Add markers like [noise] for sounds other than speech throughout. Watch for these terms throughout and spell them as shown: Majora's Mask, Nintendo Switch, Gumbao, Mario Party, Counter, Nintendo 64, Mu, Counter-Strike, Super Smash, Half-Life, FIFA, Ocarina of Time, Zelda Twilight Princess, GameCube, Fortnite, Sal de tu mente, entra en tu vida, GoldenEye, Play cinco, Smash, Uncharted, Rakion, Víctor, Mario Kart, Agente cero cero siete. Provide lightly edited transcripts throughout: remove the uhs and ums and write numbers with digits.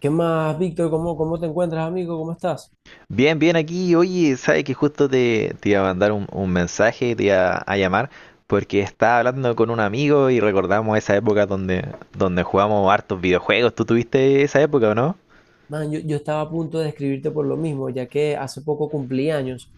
¿Qué más, Víctor? ¿Cómo te encuentras, amigo? ¿Cómo estás? Bien, bien aquí. Oye, sabes que justo te iba a mandar un mensaje, te iba a llamar, porque estaba hablando con un amigo y recordamos esa época donde jugamos hartos videojuegos. ¿Tú tuviste esa época o no? Man, yo estaba a punto de escribirte por lo mismo, ya que hace poco cumplí años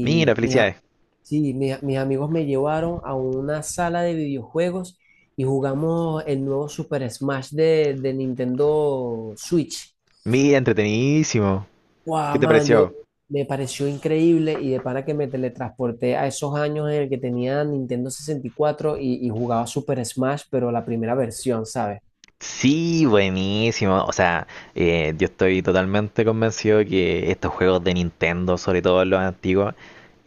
Mira, felicidades. sí, mis amigos me llevaron a una sala de videojuegos y jugamos el nuevo Super Smash de Nintendo Switch. Mira, entretenidísimo. Wow, ¿Qué te man, yo pareció? me pareció increíble y de para que me teletransporté a esos años en el que tenía Nintendo 64 y, cuatro y jugaba Super Smash, pero la primera versión, ¿sabes? Sí, buenísimo. O sea, yo estoy totalmente convencido que estos juegos de Nintendo, sobre todo los antiguos,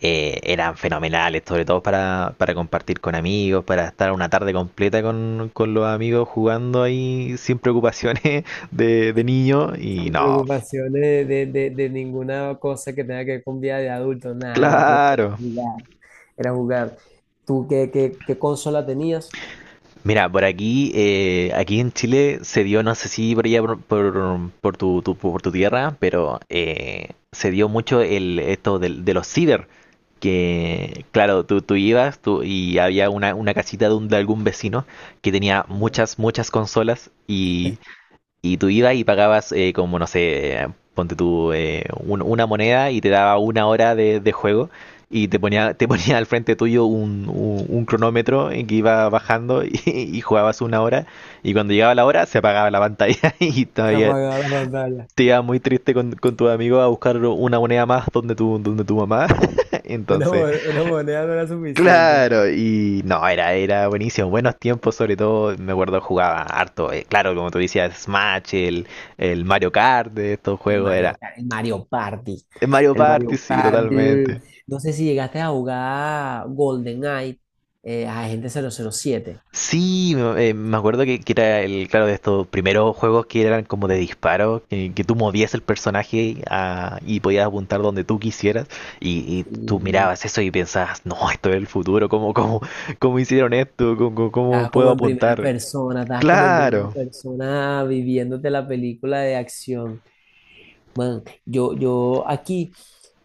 eran fenomenales, sobre todo para compartir con amigos, para estar una tarde completa con los amigos jugando ahí sin preocupaciones [laughs] de niño. Y Sin no, preocupación de ninguna cosa que tenga que ver con vida de adulto, nada, la prioridad era claro. jugar. Era jugar. ¿Tú qué consola tenías? Mira, por aquí, aquí en Chile se dio, no sé si por allá por por tu tierra, pero se dio mucho el esto de los ciber, que claro, tú ibas tú, y había una casita de, de algún vecino que tenía Ya. Muchas consolas y tú ibas y pagabas como, no sé, ponte tú una moneda y te daba una hora de juego y te ponía al frente tuyo un cronómetro en que iba bajando [laughs] y jugabas una hora y cuando llegaba la hora se apagaba la pantalla [laughs] y Se todavía apagaba la pantalla. te iba muy triste con tu amigo a buscar una moneda más donde tu mamá. [laughs] Una, Entonces, mo- una moneda no era suficiente, man. claro, y no, era buenísimo. Buenos tiempos, sobre todo, me acuerdo jugaba harto. Claro, como tú decías, Smash, el Mario Kart de estos El juegos, era. El Mario Party. El Mario El Party, Mario sí, Party. totalmente. No sé si llegaste a jugar GoldenEye, Agente 007. Sí, me acuerdo que era el, claro, de estos primeros juegos que eran como de disparo, que tú movías el personaje y podías apuntar donde tú quisieras, y tú Y mirabas eso y pensabas, no, esto es el futuro, ¿ cómo hicieron esto? ¿ cómo estabas puedo como en primera apuntar? persona, estabas como en primera Claro. persona viviéndote la película de acción. Man, yo aquí,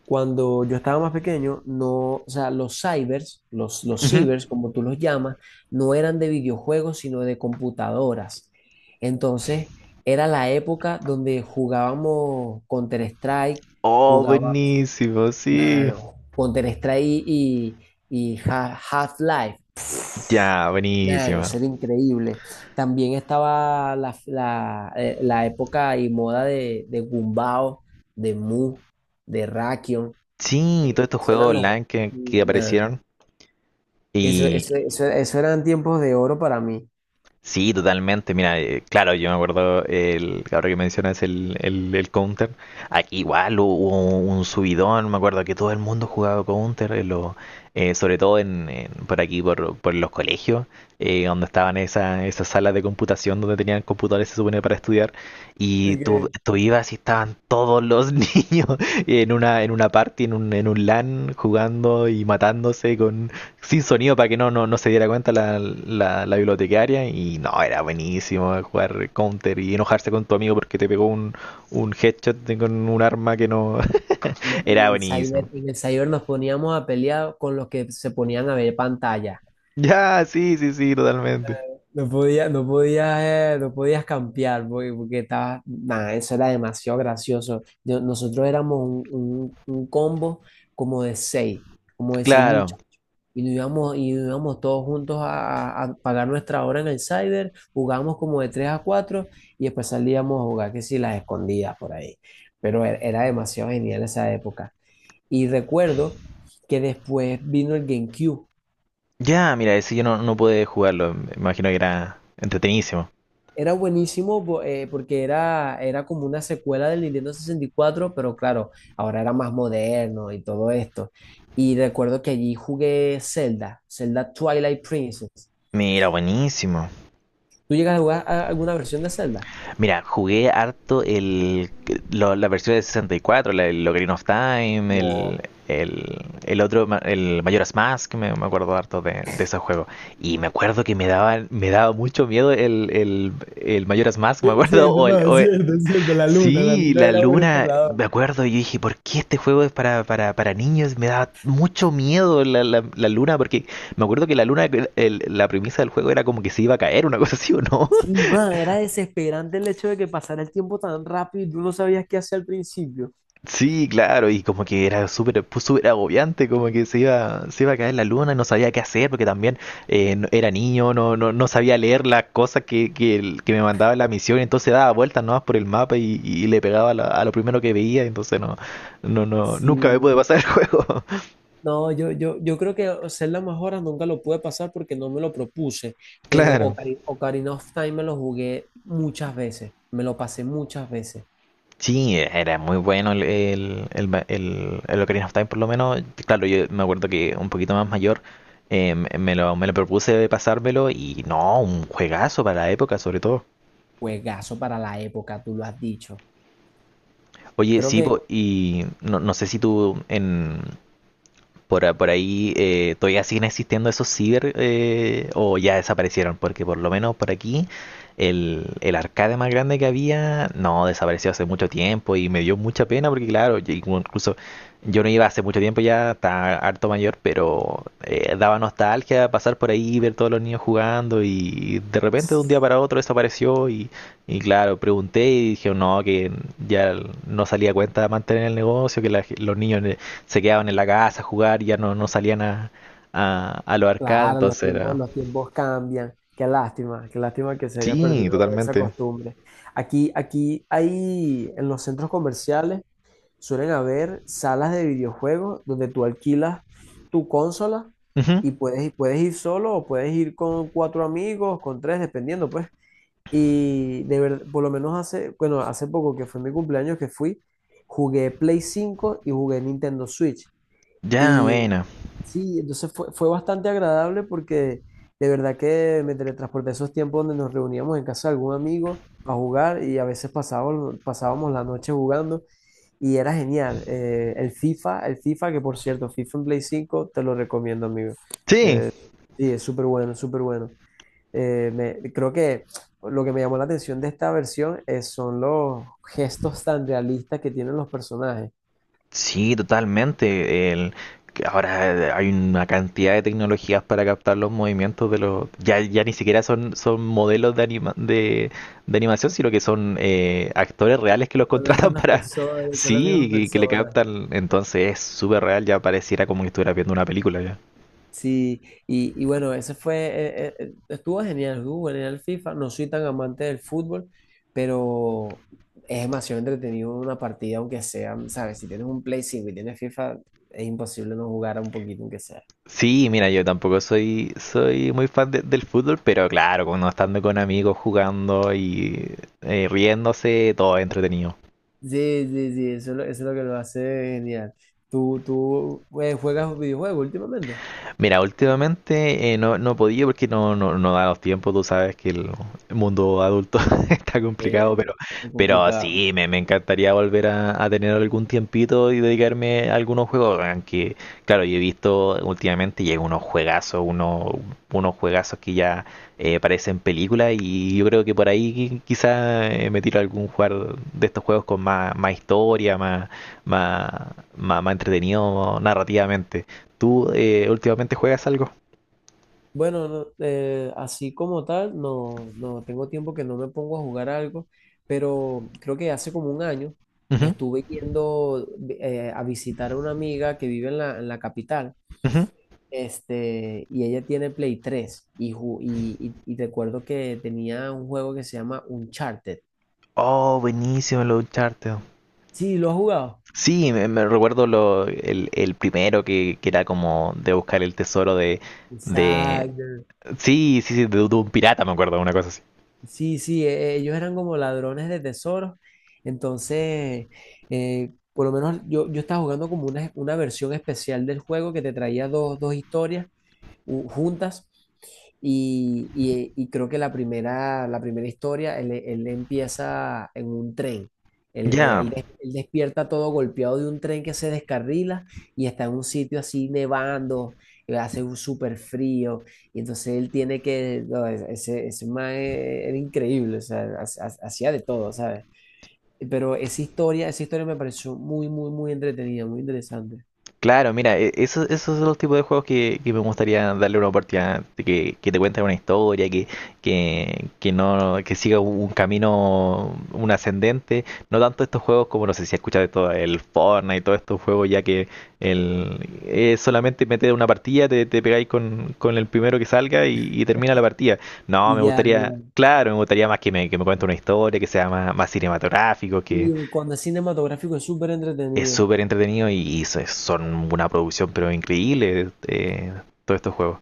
cuando yo estaba más pequeño, no, o sea, los cybers, los cibers, como tú los llamas, no eran de videojuegos, sino de computadoras. Entonces, era la época donde Oh, jugábamos buenísimo, sí. Counter-Strike y, y Half-Life. Ya, Nah, buenísimo. eso era increíble. También estaba la época y moda de Gumbao, de Mu, de Rakion. Sí, todos estos Eso juegos eran los... online que man, aparecieron. Eso, Y eso, eso, eso eran tiempos de oro para mí. sí, totalmente. Mira, claro, yo me acuerdo, el, ahora que mencionas el Counter, aquí igual hubo un subidón, me acuerdo que todo el mundo jugaba Counter, sobre todo por aquí, por los colegios, donde estaban esas salas de computación donde tenían computadores, se supone, para estudiar, y tú, Ok. tú ibas y estaban todos los [laughs] niños en una party, en un LAN, jugando y matándose con, sin sonido para que no se diera cuenta la bibliotecaria. Y no, era buenísimo jugar counter y enojarse con tu amigo porque te pegó un headshot con un arma que no. Y [laughs] en Era el buenísimo. cyber, en el cyber nos poníamos a pelear con los que se ponían a ver pantalla. Ya, sí, sí, sí, totalmente. No podías no podías cambiar porque, porque estabas, nada, eso era demasiado gracioso. Nosotros éramos un combo como de seis, como de seis Claro. muchachos. Y nos íbamos todos juntos a, a pagar nuestra hora en el cyber, jugábamos como de tres a cuatro y después salíamos a jugar, que si las escondidas por ahí. Pero era, era demasiado genial esa época. Y recuerdo que después vino el GameCube. Ya, mira, ese yo no, no pude jugarlo. Me imagino que era entretenidísimo. Era buenísimo, porque era, era como una secuela del Nintendo 64, pero claro, ahora era más moderno y todo esto. Y recuerdo que allí jugué Zelda, Zelda Twilight Princess. Mira, buenísimo. ¿Tú llegas a jugar alguna versión de Zelda? Mira, jugué harto el, la versión de 64, el Ocarina of Time, el, Wow. el, el otro, el Majora's Mask, me acuerdo harto de ese juego. Y me acuerdo que me daba mucho miedo el Majora's Mask, me Es acuerdo, [laughs] cierto, no, o es el- cierto, es cierto. La sí, luna la era un luna, entrenador. me acuerdo, y yo dije, ¿por qué este juego es para niños? Me daba mucho miedo la luna, porque me acuerdo que la luna, la premisa del juego era como que se iba a caer, una cosa así, ¿o no? Sí, man, era desesperante el hecho de que pasara el tiempo tan rápido y tú no sabías qué hacer al principio. Sí, claro, y como que era súper pues, súper agobiante, como que se iba a caer la luna y no sabía qué hacer, porque también era niño, no sabía leer las cosas que, que me mandaba la misión, entonces daba vueltas nomás por el mapa y le pegaba a a lo primero que veía, entonces no, nunca me pude Sí. pasar el juego. [laughs] No, yo creo que ser las más horas nunca lo pude pasar porque no me lo propuse, pero Claro. Ocarina of Time me lo jugué muchas veces, me lo pasé muchas veces. Sí, era muy bueno el Ocarina of Time, por lo menos. Claro, yo me acuerdo que un poquito más mayor me lo propuse de pasármelo y no, un juegazo para la época, sobre todo. Juegazo para la época, tú lo has dicho. Oye, Creo sí, que, po, y no, no sé si tú en, por, por ahí todavía siguen existiendo esos ciber o ya desaparecieron, porque por lo menos por aquí el arcade más grande que había no desapareció hace mucho tiempo y me dio mucha pena porque claro, yo incluso yo no iba hace mucho tiempo ya, estaba harto mayor, pero daba nostalgia pasar por ahí, ver todos los niños jugando y de repente de un día para otro desapareció y claro, pregunté y dije, no, que ya no salía cuenta de mantener el negocio, que los niños se quedaban en la casa a jugar y ya no, no salían a los arcades, claro, entonces era... los tiempos cambian. Qué lástima que se haya Sí, perdido esa totalmente. costumbre. Aquí, aquí hay en los centros comerciales suelen haber salas de videojuegos donde tú alquilas tu consola Ujú. y puedes, puedes ir solo o puedes ir con cuatro amigos, con tres, dependiendo, pues. Y de verdad, por lo menos hace, bueno, hace poco que fue mi cumpleaños que fui, jugué Play 5 y jugué Nintendo Switch. Ya, Y bueno. sí, entonces fue, fue bastante agradable porque de verdad que me teletransporté a esos tiempos donde nos reuníamos en casa de algún amigo a jugar y a veces pasábamos, pasábamos la noche jugando y era genial. El FIFA, el FIFA, que por cierto, FIFA en Play 5 te lo recomiendo, amigo. Sí, Eh, sí, es súper bueno, súper bueno. Creo que lo que me llamó la atención de esta versión es, son los gestos tan realistas que tienen los personajes. sí, totalmente. El, que ahora hay una cantidad de tecnologías para captar los movimientos de los... Ya, ya ni siquiera son, son modelos de, de animación, sino que son actores reales que los Son las contratan [laughs] mismas para... personas, son las Sí, mismas que le personas. captan. Entonces es súper real, ya pareciera como que estuviera viendo una película ya. Sí, y bueno, ese fue, estuvo genial el FIFA, no soy tan amante del fútbol, pero es demasiado entretenido una partida, aunque sea, ¿sabes? Si tienes un Play 5 y tienes FIFA, es imposible no jugar un poquito, aunque sea. Sí, mira, yo tampoco soy, soy muy fan del fútbol, pero claro, cuando estando con amigos jugando y riéndose, todo es entretenido. Sí, sí, sí, eso es lo que lo hace genial. ¿Tú juegas videojuegos últimamente? Mira, últimamente no, no he podido porque no da los tiempos, tú sabes que el mundo adulto [laughs] está Sí, complicado, es pero complicado. sí, me encantaría volver a tener algún tiempito y dedicarme a algunos juegos, aunque claro, yo he visto últimamente llega unos juegazos, unos, unos juegazos que ya parecen películas y yo creo que por ahí quizá me tiro a algún jugar de estos juegos con más, más historia, más, más entretenido narrativamente. ¿Tú últimamente juegas algo? Bueno, no, así como tal, no, no tengo tiempo que no me pongo a jugar algo, pero creo que hace como un año Ujú, estuve yendo a visitar a una amiga que vive en en la capital, ujú. este, y ella tiene Play 3 y, y recuerdo que tenía un juego que se llama Uncharted. Oh, buenísimo el Uncharted. Sí, ¿lo has jugado? Sí, me recuerdo lo, el primero que era como de buscar el tesoro de... Exacto. Sí, sí, sí, de un pirata, me acuerdo, una cosa así. Sí, sí, ellos eran como ladrones de tesoros. Entonces, por lo menos yo, yo estaba jugando como una versión especial del juego que te traía dos, dos historias juntas. Y, y creo que la primera historia, él empieza en un tren. Él, Ya, él despierta todo golpeado de un tren que se descarrila y está en un sitio así nevando, y hace un súper frío. Y entonces él tiene que, no, ese man e, era increíble, o sea, hacía de todo, ¿sabes? Pero esa historia me pareció muy, muy, muy entretenida, muy interesante. claro, mira, eso, esos son los tipos de juegos que me gustaría darle una oportunidad, de que te cuenten una historia, que no, que siga un camino, un ascendente, no tanto estos juegos como no sé si escuchas de todo el Fortnite y todos estos juegos ya que el es solamente meter una partida, te pegáis con el primero que salga y termina la partida. No, Y me ya, gustaría, ya. claro, me gustaría más que que me cuente una historia, que sea más, más cinematográfico, que, Y cuando es cinematográfico es súper es entretenido. súper entretenido y, son una producción pero increíble todos estos juegos.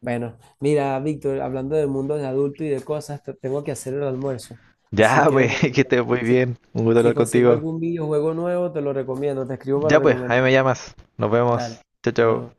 Bueno, mira, Víctor, hablando del mundo de adulto y de cosas, tengo que hacer el almuerzo. Así Ya, que, pues, [laughs] que bueno, estés muy si, bien. Un gusto si hablar consigo contigo. algún videojuego nuevo, te lo recomiendo, te escribo para Ya, pues, ahí recomendar. me llamas. Nos vemos. Dale, Chao, chao. nuevo.